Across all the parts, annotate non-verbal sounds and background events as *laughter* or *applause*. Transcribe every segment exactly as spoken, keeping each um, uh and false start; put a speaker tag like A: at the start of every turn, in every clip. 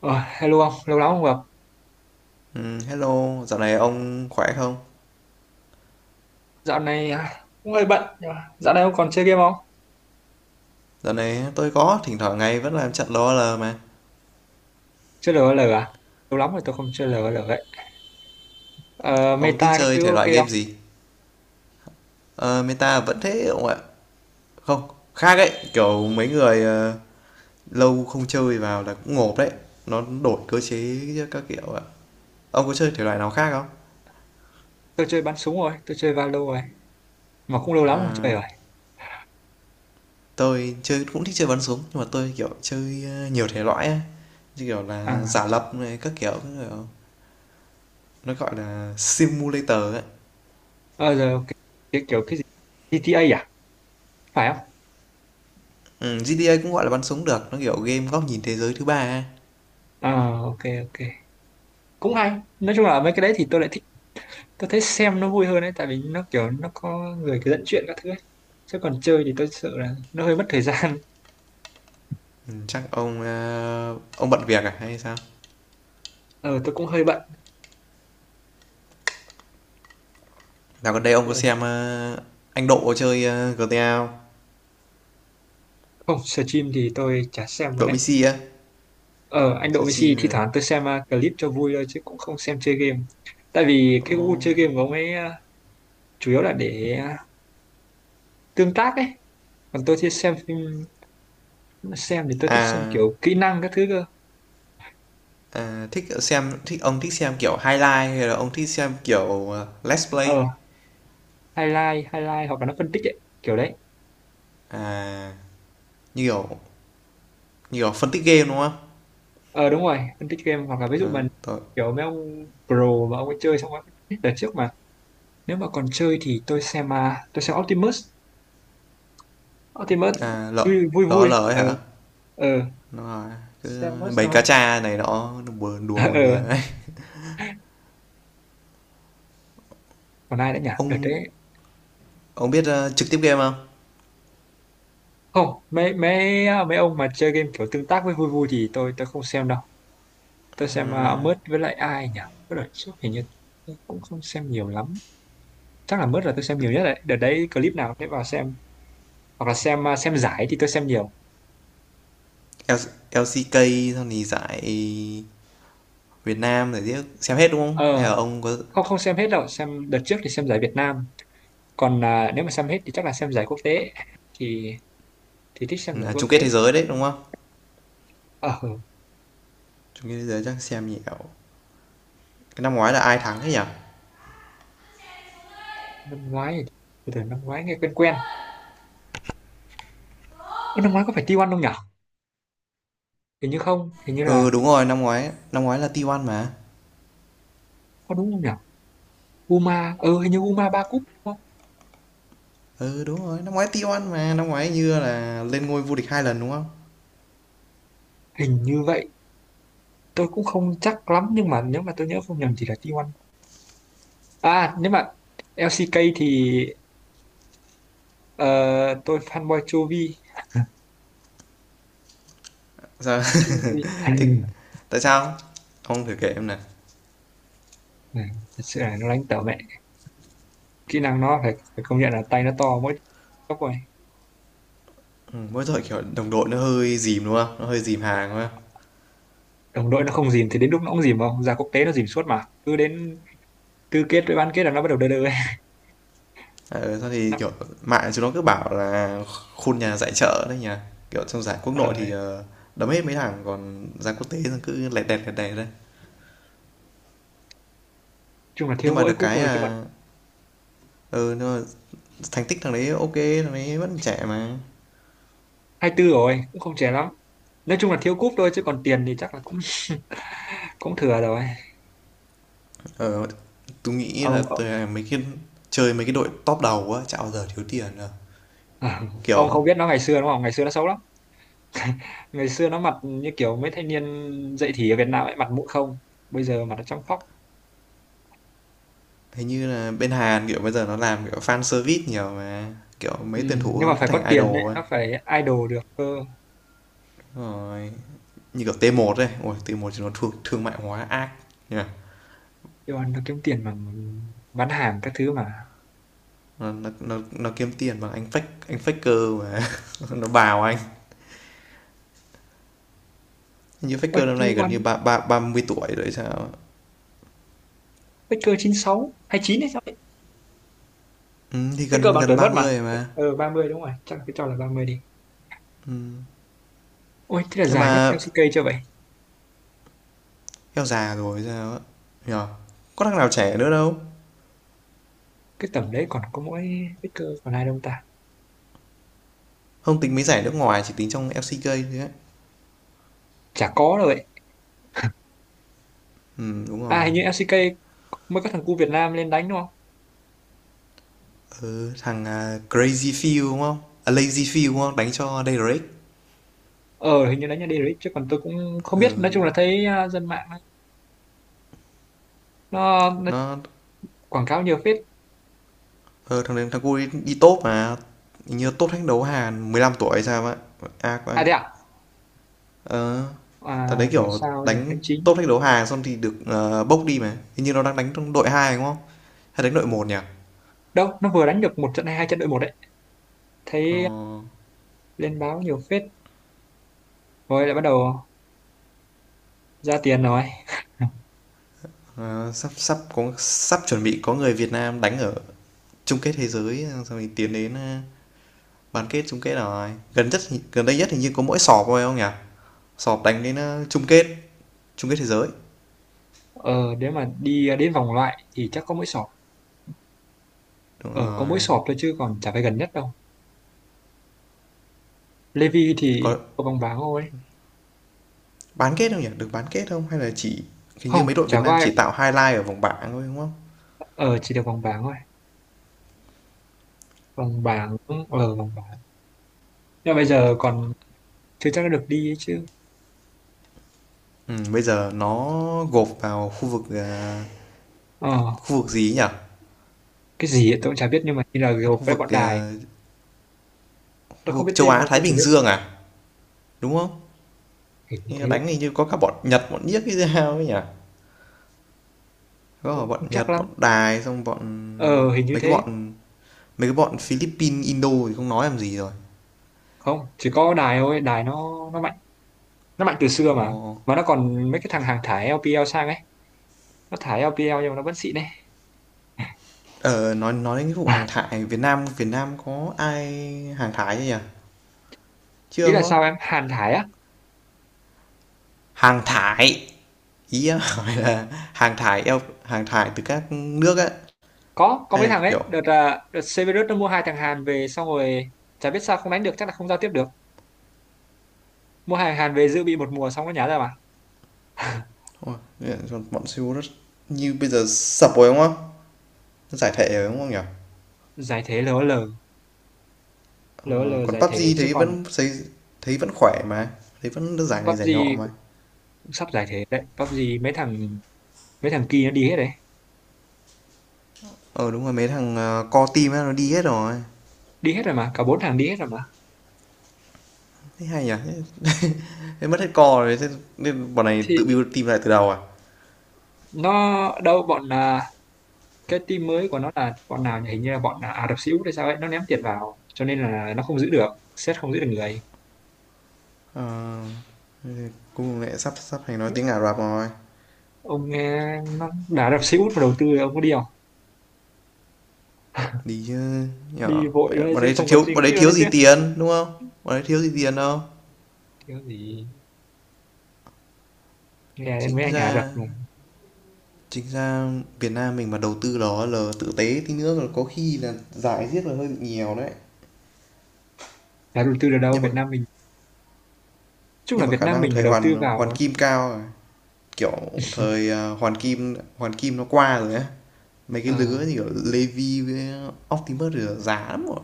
A: Ờ, hello ông, lâu lắm không gặp.
B: Ừm, hello, dạo này ông khỏe không?
A: Dạo này à, cũng hơi bận. Nhưng mà dạo này ông còn chơi game không?
B: Dạo này tôi có, thỉnh thoảng ngày vẫn làm trận LOL mà.
A: Chơi LOL à? Lâu lắm rồi tôi không chơi LOL ấy. Ờ,
B: Ông thích
A: meta các
B: chơi
A: thứ
B: thể
A: ok
B: loại game
A: không?
B: gì? Ờ, Meta vẫn thế ông ạ. Không, khác ấy, kiểu mấy người ờ, lâu không chơi vào là cũng ngộp đấy. Nó đổi cơ chế các kiểu ạ. Ông có chơi thể loại nào khác không?
A: Tôi chơi bắn súng rồi, tôi chơi Valo rồi. Mà cũng lâu lắm không chơi
B: Ờ,
A: rồi.
B: tôi chơi cũng thích chơi bắn súng, nhưng mà tôi kiểu chơi ờ, nhiều thể loại ấy. Như kiểu là
A: À,
B: giả lập này, các kiểu, các kiểu. Nó gọi là simulator ấy.
A: ờ, giờ ok. Cái, kiểu cái gì? giê tê a à? Phải không?
B: Ừm, giê tê a cũng gọi là bắn súng được, nó, kiểu, game góc nhìn thế giới thứ ba ấy.
A: Ờ, ok, ok. Cũng hay. Nói chung là mấy cái đấy thì tôi lại thích. Tôi thấy xem nó vui hơn ấy, tại vì nó kiểu nó có người cứ dẫn chuyện các thứ ấy. Chứ còn chơi thì tôi sợ là nó hơi mất thời gian.
B: Ừ, chắc ông, a, ông bận việc à hay sao?
A: Ờ, tôi cũng hơi bận.
B: Dạo gần đây ông có xem, a, anh Độ chơi, uh, giê tê a, giê tê a không?
A: Không, stream thì tôi chả xem rồi
B: Độ
A: đấy.
B: Messi á,
A: Ờ, anh Độ
B: xem chi
A: Messi
B: mà,
A: thi
B: này.
A: thoảng tôi xem uh, clip cho vui thôi chứ cũng không xem chơi game. Tại vì cái gu chơi game của ông ấy uh, chủ yếu là để uh, tương tác ấy. Còn tôi thì xem phim, xem thì tôi thích xem kiểu
B: À,
A: kỹ năng các thứ cơ.
B: à, thích xem thích ông thích xem, kiểu, highlight hay là ông thích xem, kiểu, ờ, let's play?
A: Ờ, highlight, highlight hoặc là nó phân tích ấy, kiểu đấy.
B: À, như kiểu như kiểu phân tích game, đúng không?
A: Ờ đúng rồi, phân tích game hoặc là ví dụ
B: Ờ,
A: mình
B: tôi
A: kiểu mấy ông pro mà ông ấy chơi xong rồi phân tích đợt trước mà. Nếu mà còn chơi thì tôi xem uh, tôi xem Optimus. Optimus
B: à, L
A: vui vui. Vui.
B: LOL ấy
A: Ờ
B: hả?
A: ờ,
B: Đúng cứ
A: xem Optimus
B: bầy
A: thôi.
B: cá tra này nó đùa
A: *laughs* Ờ
B: đùa buồn
A: ờ,
B: cười vãi.
A: còn ai nữa nhỉ? Đợt
B: Ông
A: đấy
B: Ông biết ờ, trực tiếp game không?
A: không mấy mấy à, mấy ông mà chơi game kiểu tương tác với vui vui thì tôi tôi không xem đâu. Tôi xem uh, ông Mớt với lại ai nhỉ, với lại trước hình như tôi cũng không xem nhiều lắm, chắc là Mớt là tôi xem nhiều nhất đấy. Đợt đấy clip nào để vào xem, hoặc là xem uh, xem giải thì tôi xem nhiều.
B: L- lờ xê ca xong thì giải Việt Nam giải tiếc xem hết đúng không? Hay
A: Ờ
B: là ông có
A: không, không xem hết đâu. Xem đợt trước thì xem giải Việt Nam, còn à, nếu mà xem hết thì chắc là xem giải quốc tế. Thì thì thích xem giải
B: à,
A: quốc
B: chung
A: tế.
B: kết thế giới đấy đúng không?
A: Ờ ừ,
B: Chung kết thế giới chắc xem nhiều. Cái năm ngoái là ai thắng thế nhỉ?
A: năm ngoái thì- từ từ năm ngoái nghe quen quen. Ơ, năm ngoái có phải ti oăn không nhỉ, hình như không, hình như là
B: Ừ đúng rồi, năm ngoái năm ngoái là tê một mà.
A: có đúng không nhỉ. Uma ừ hình như Uma ba cúp đúng không,
B: Ừ đúng rồi, năm ngoái tê oăn mà, năm ngoái như là lên ngôi vô địch hai lần đúng không?
A: hình như vậy. Tôi cũng không chắc lắm nhưng mà nếu mà tôi nhớ không nhầm thì là ti oăn. À nếu mà lờ xê ca thì ờ, tôi fanboy Chovy.
B: Sao?
A: Chovy à,
B: *laughs* Thì tại sao? Ông thử kể em này.
A: này, thật sự là nó đánh tở mẹ. Kỹ năng nó phải, phải công nhận là tay nó to, mỗi tốc rồi.
B: Ừ, mỗi tội kiểu đồng đội nó hơi dìm đúng không? Nó hơi dìm hàng đúng không?
A: Đồng đội nó không dìm thì đến lúc nó cũng dìm. Không ra quốc tế nó dìm suốt mà, cứ đến tứ kết với bán kết là nó bắt đầu đơ đơ *laughs* ấy.
B: Ờ, thôi thì,
A: Nó,
B: kiểu, mạng chúng nó cứ bảo là khuôn nhà giải chợ đấy nhỉ? Kiểu, trong giải quốc
A: ờ,
B: nội thì,
A: đấy.
B: ờ, đấm hết mấy thằng, còn giải quốc tế là cứ lẹt đẹt, lẹt đẹt thôi.
A: Chung là thiếu
B: Nhưng mà
A: mỗi
B: được
A: cúp
B: cái
A: rồi chứ còn.
B: là ừ, nhưng mà thành tích thằng đấy OK, thằng đấy vẫn trẻ mà.
A: Hai tư rồi cũng không trẻ lắm, nói chung là thiếu cúp thôi chứ còn tiền thì chắc là cũng cũng thừa rồi.
B: Ờ, tôi nghĩ là
A: Ông
B: tui mấy cái chơi mấy cái đội top đầu á, chả bao giờ thiếu tiền đâu.
A: *laughs*
B: Kiểu,
A: ông không biết nó ngày xưa đúng không, ngày xưa nó xấu lắm. Ngày xưa nó mặt như kiểu mấy thanh niên dậy thì ở Việt Nam ấy, mặt mũi không, bây giờ mặt nó trong phóc.
B: hình như là bên Hàn, kiểu, bây giờ nó làm, kiểu, fan service nhiều mà. Kiểu,
A: Ừ.
B: mấy tuyển thủ
A: Nhưng
B: nó
A: mà
B: cứ
A: phải có
B: thành
A: tiền đấy
B: idol ấy.
A: nó phải idol được cơ.
B: Rồi, như kiểu tê một đây ôi tê một thì nó thương, thương mại hóa ác nhỉ?
A: Yêu ăn nó kiếm tiền bằng bán hàng các thứ mà.
B: Nó nó nó kiếm tiền bằng anh fake anh faker mà *laughs* nó bào anh. Như
A: Ôi,
B: faker năm nay
A: yêu
B: gần
A: ăn.
B: như ba ba 30 tuổi rồi sao.
A: Faker chín sáu hay chín hay sao ấy.
B: Ừ, thì
A: Faker
B: gần
A: bằng tuổi
B: gần
A: mất mà.
B: ba mươi rồi mà.
A: Ờ ba mươi đúng rồi, chắc là cái cho là ba mươi đi. Ôi thế là
B: Nhưng
A: dài nhất
B: mà
A: eo xi kây chưa vậy.
B: eo già rồi sao á. Nhờ. Có thằng nào trẻ nữa đâu.
A: Cái tầm đấy còn có mỗi Faker, còn ai đâu ta.
B: Không tính mấy giải nước ngoài chỉ tính trong lờ xê ca thôi á.
A: Chả có đâu vậy.
B: Ừ đúng
A: À hình
B: rồi.
A: như lờ xê ca mới có thằng cu Việt Nam lên đánh đúng không?
B: Ừ, thằng à, Crazy feel đúng không? À, Lazy feel đúng không? Đánh cho Dayrake.
A: Ờ hình như đánh nhà đi đấy chứ còn tôi cũng không biết. Nói
B: Ừ,
A: chung là thấy à, dân mạng nó, nó
B: nó
A: quảng cáo nhiều phết.
B: ờ, thằng thằng cu đi, đi top mà. Như top thách đấu Hàn mười lăm tuổi hay sao á. Ác quá.
A: À thế à.
B: Ờ, thằng đấy,
A: À bảo
B: kiểu,
A: sao được
B: đánh
A: đánh chính.
B: top thách đấu Hàn xong thì được, ờ, bốc đi mà. Hình như nó đang đánh trong đội hai đúng không? Hay đánh đội một nhỉ?
A: Đâu nó vừa đánh được một trận hay hai trận đội một đấy.
B: Ờ,
A: Thấy lên báo nhiều phết rồi lại bắt đầu ra tiền rồi. *laughs*
B: ờ, sắp sắp có sắp chuẩn bị có người Việt Nam đánh ở chung kết thế giới xong thì tiến đến, a, bán kết, chung kết rồi. Gần nhất gần đây nhất hình như có mỗi sọp thôi, không nhỉ? Sọp đánh đến, a, chung kết chung kết thế giới.
A: Ờ nếu mà đi à, đến vòng loại thì chắc có mỗi sọp.
B: Đúng
A: Ờ có mỗi
B: rồi.
A: sọp thôi chứ còn chả phải gần nhất đâu. Levi thì
B: Có
A: có vòng bảng thôi.
B: bán kết không nhỉ? Được bán kết không? Hay là chỉ hình như
A: Không
B: mấy đội
A: chả
B: Việt
A: có
B: Nam
A: ai,
B: chỉ tạo highlight ở vòng bảng thôi, đúng không?
A: ờ chỉ được vòng bảng thôi. Vòng bảng. Ờ vòng bảng. Nhưng mà bây giờ còn chưa chắc đã được đi ấy chứ.
B: Ừm, bây giờ nó gộp vào khu vực, à
A: Ờ
B: khu vực gì nhỉ?
A: cái gì ấy, tôi cũng chả biết nhưng mà như là gộp
B: Khu
A: với
B: vực,
A: bọn đài.
B: ờ,
A: Tôi
B: khu
A: không
B: vực
A: biết
B: châu
A: tên đâu,
B: Á Thái
A: tôi chỉ
B: Bình
A: biết
B: Dương à? Đúng không?
A: hình như thế.
B: Đánh hình như có cả bọn Nhật, bọn Nhiếc cái sao ấy nhỉ? Có
A: Tôi
B: cả
A: cũng không
B: bọn
A: chắc
B: Nhật,
A: lắm,
B: bọn Đài xong bọn
A: ờ hình như
B: mấy cái
A: thế.
B: bọn mấy cái bọn Philippines, Indo thì không nói làm gì rồi.
A: Không chỉ có đài thôi, đài nó nó mạnh, nó mạnh từ xưa mà.
B: Ồ.
A: Mà nó còn mấy cái thằng hàng thải lờ pê lờ sang ấy, nó thải eo pi eo nhưng mà nó vẫn xịn đấy.
B: Ờ nói nói đến cái vụ hàng
A: *laughs*
B: thải Việt Nam Việt Nam có ai hàng thải chưa nhỉ? Chưa
A: Ý là
B: đúng không?
A: sao, em Hàn thải á.
B: Hàng thải, ý em *laughs* hỏi là hàng thải eo hàng thải từ các nước ấy
A: có có
B: hay
A: mấy
B: là
A: thằng ấy
B: kiểu.
A: đợt à, đợt Severus nó mua hai thằng Hàn về xong rồi chả biết sao không đánh được, chắc là không giao tiếp được. Mua hai thằng Hàn về dự bị một mùa xong nó nhả ra mà. *laughs*
B: Ôi, bọn Seoul rất như bây giờ sập rồi đúng không? Giải thể rồi, đúng không nhỉ?
A: Giải thể lờ o lờ.
B: Ờ,
A: LOL lờ
B: còn
A: giải thể
B: pi u bi gi
A: chứ
B: thấy
A: còn
B: vẫn thấy thấy vẫn khỏe mà, thấy vẫn được giải này giải
A: pê u bê giê
B: nọ mà.
A: cũng sắp giải thể đấy. pê u bê giê mấy thằng mấy thằng kia nó đi hết đấy.
B: Ờ, đúng rồi, mấy thằng, ờ, core team á, nó đi hết rồi.
A: Đi hết rồi mà, cả bốn thằng đi hết rồi mà.
B: Thấy hay nhỉ? *laughs* Thế mất hết core rồi, thế nên bọn này
A: Thì
B: tự build team lại từ đầu à?
A: nó đâu bọn là, cái team mới của nó là bọn nào nhỉ? Hình như là bọn là Ả Rập Xê Út hay sao ấy, nó ném tiền vào cho nên là nó không giữ được, sét không giữ được người.
B: Ờ, thế cùng lại sắp sắp thành nói tiếng Ả Rập rồi.
A: Ông nghe nó là Ả Rập Xê Út mà đầu tư, ông có đi không.
B: Đi chứ, nhỉ?
A: Đi vội luôn đấy
B: Bọn
A: chứ
B: đấy
A: không cần
B: thiếu
A: suy
B: bọn
A: nghĩ
B: đấy
A: luôn
B: thiếu
A: đấy chứ.
B: gì tiền, đúng không? Bọn đấy thiếu gì tiền đâu.
A: Thiếu gì, nghe đến
B: Chính
A: mấy anh Ả Rập
B: ra
A: mà.
B: Chính ra Việt Nam mình mà đầu tư đó là tự tế tí nữa là có khi là giải riếc là hơi bị nhiều đấy.
A: Đã đầu tư được đâu
B: Nhưng mà
A: Việt Nam mình. Chung là
B: nhưng mà
A: Việt
B: khả
A: Nam
B: năng
A: mình mà
B: thời
A: đầu tư
B: Hoàn Hoàn
A: vào.
B: Kim cao rồi. Kiểu
A: *laughs*
B: thời à, Hoàn Kim Hoàn Kim nó qua rồi á. Mấy cái
A: Ờ,
B: lứa như kiểu Levi với Optimus rồi là lắm rồi.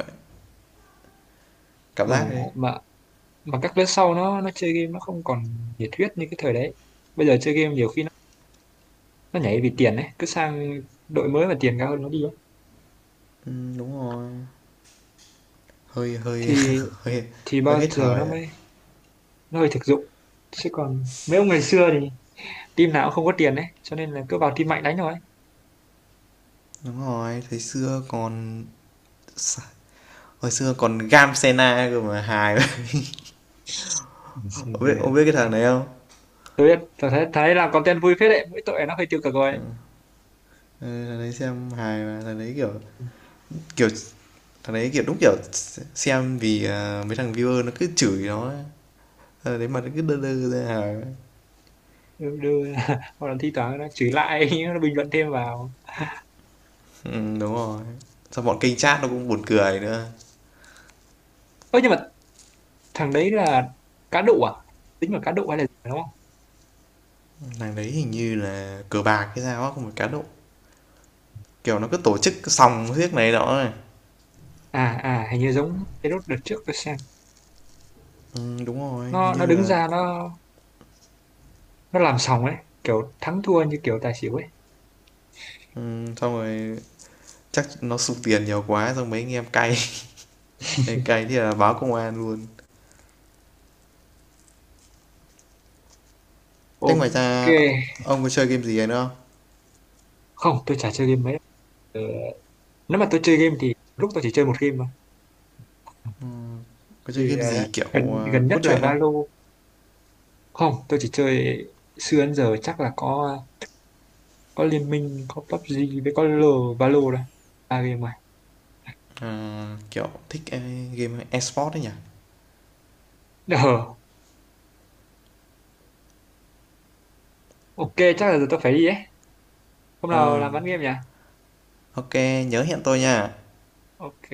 B: Cảm
A: mà
B: giác thế.
A: mà mà các lớp sau nó nó chơi game nó không còn nhiệt huyết như cái thời đấy. Bây giờ chơi game nhiều khi nó nó nhảy vì tiền đấy, cứ sang đội mới mà tiền cao hơn nó đi ấy.
B: Ừ, đúng rồi. Hơi hơi *laughs*
A: thì
B: hơi
A: thì
B: hơi
A: bao
B: hết
A: giờ nó
B: thời đấy.
A: mới, nó hơi thực dụng. Chứ còn mấy ông ngày xưa thì team nào cũng không có tiền đấy, cho nên là cứ vào team mạnh đánh thôi.
B: Đúng rồi, thời xưa còn hồi xưa còn Gam Sena cơ mà hài. *laughs*
A: Ừ,
B: Ông
A: Xin, ờ,
B: biết ông biết cái thằng này không?
A: tôi biết, tôi thấy thấy làm content vui phết đấy, mỗi tội nó hơi tiêu cực
B: Ừ.
A: rồi.
B: Ừ, thằng đấy xem hài mà thằng đấy kiểu kiểu thằng đấy kiểu đúng kiểu xem vì à, mấy thằng viewer nó cứ chửi nó, thằng đấy mà nó cứ đơ đơ ra hài.
A: Đưa, đưa *laughs* hoặc là thi thoảng nó chửi lại, *laughs* nó bình luận thêm vào.
B: Ừ, đúng rồi, xong bọn kênh chat nó cũng buồn cười nữa.
A: Ơ nhưng mà thằng đấy là cá độ à, tính là cá độ hay là gì mà đúng không.
B: Thằng đấy hình như là cờ bạc cái sao á, không phải cá độ. Kiểu nó cứ tổ chức sòng riết này đó này.
A: À à hình như giống cái đốt đợt trước tôi xem,
B: Ừ, đúng rồi hình
A: nó nó
B: như
A: đứng
B: là.
A: ra nó nó làm sòng ấy, kiểu thắng thua như kiểu tài xỉu ấy.
B: Ừ, xong rồi chắc nó sụt tiền nhiều quá xong mấy anh em cay *laughs* cay thì là báo công an luôn. Thế ngoài
A: Ok,
B: ra ông có chơi game gì nữa không?
A: không, tôi chả chơi game mấy. Ờ, nếu mà tôi chơi game thì lúc tôi chỉ chơi một game mà.
B: Có chơi
A: Thì
B: game
A: ờ,
B: gì kiểu,
A: gần
B: ờ,
A: gần nhất
B: cốt
A: là
B: truyện không?
A: Valo. Không, tôi chỉ chơi xưa đến giờ chắc là có có Liên Minh, có pê u bê giê với có L Valo đó. Ba game rồi.
B: Ờ, kiểu thích, ơ, game esports sport nhỉ?
A: Ờ, ok, chắc là giờ tôi phải đi ấy. Hôm nào
B: Ờ,
A: làm bán game nhỉ?
B: ô nhớ hẹn tôi nha.
A: Ok.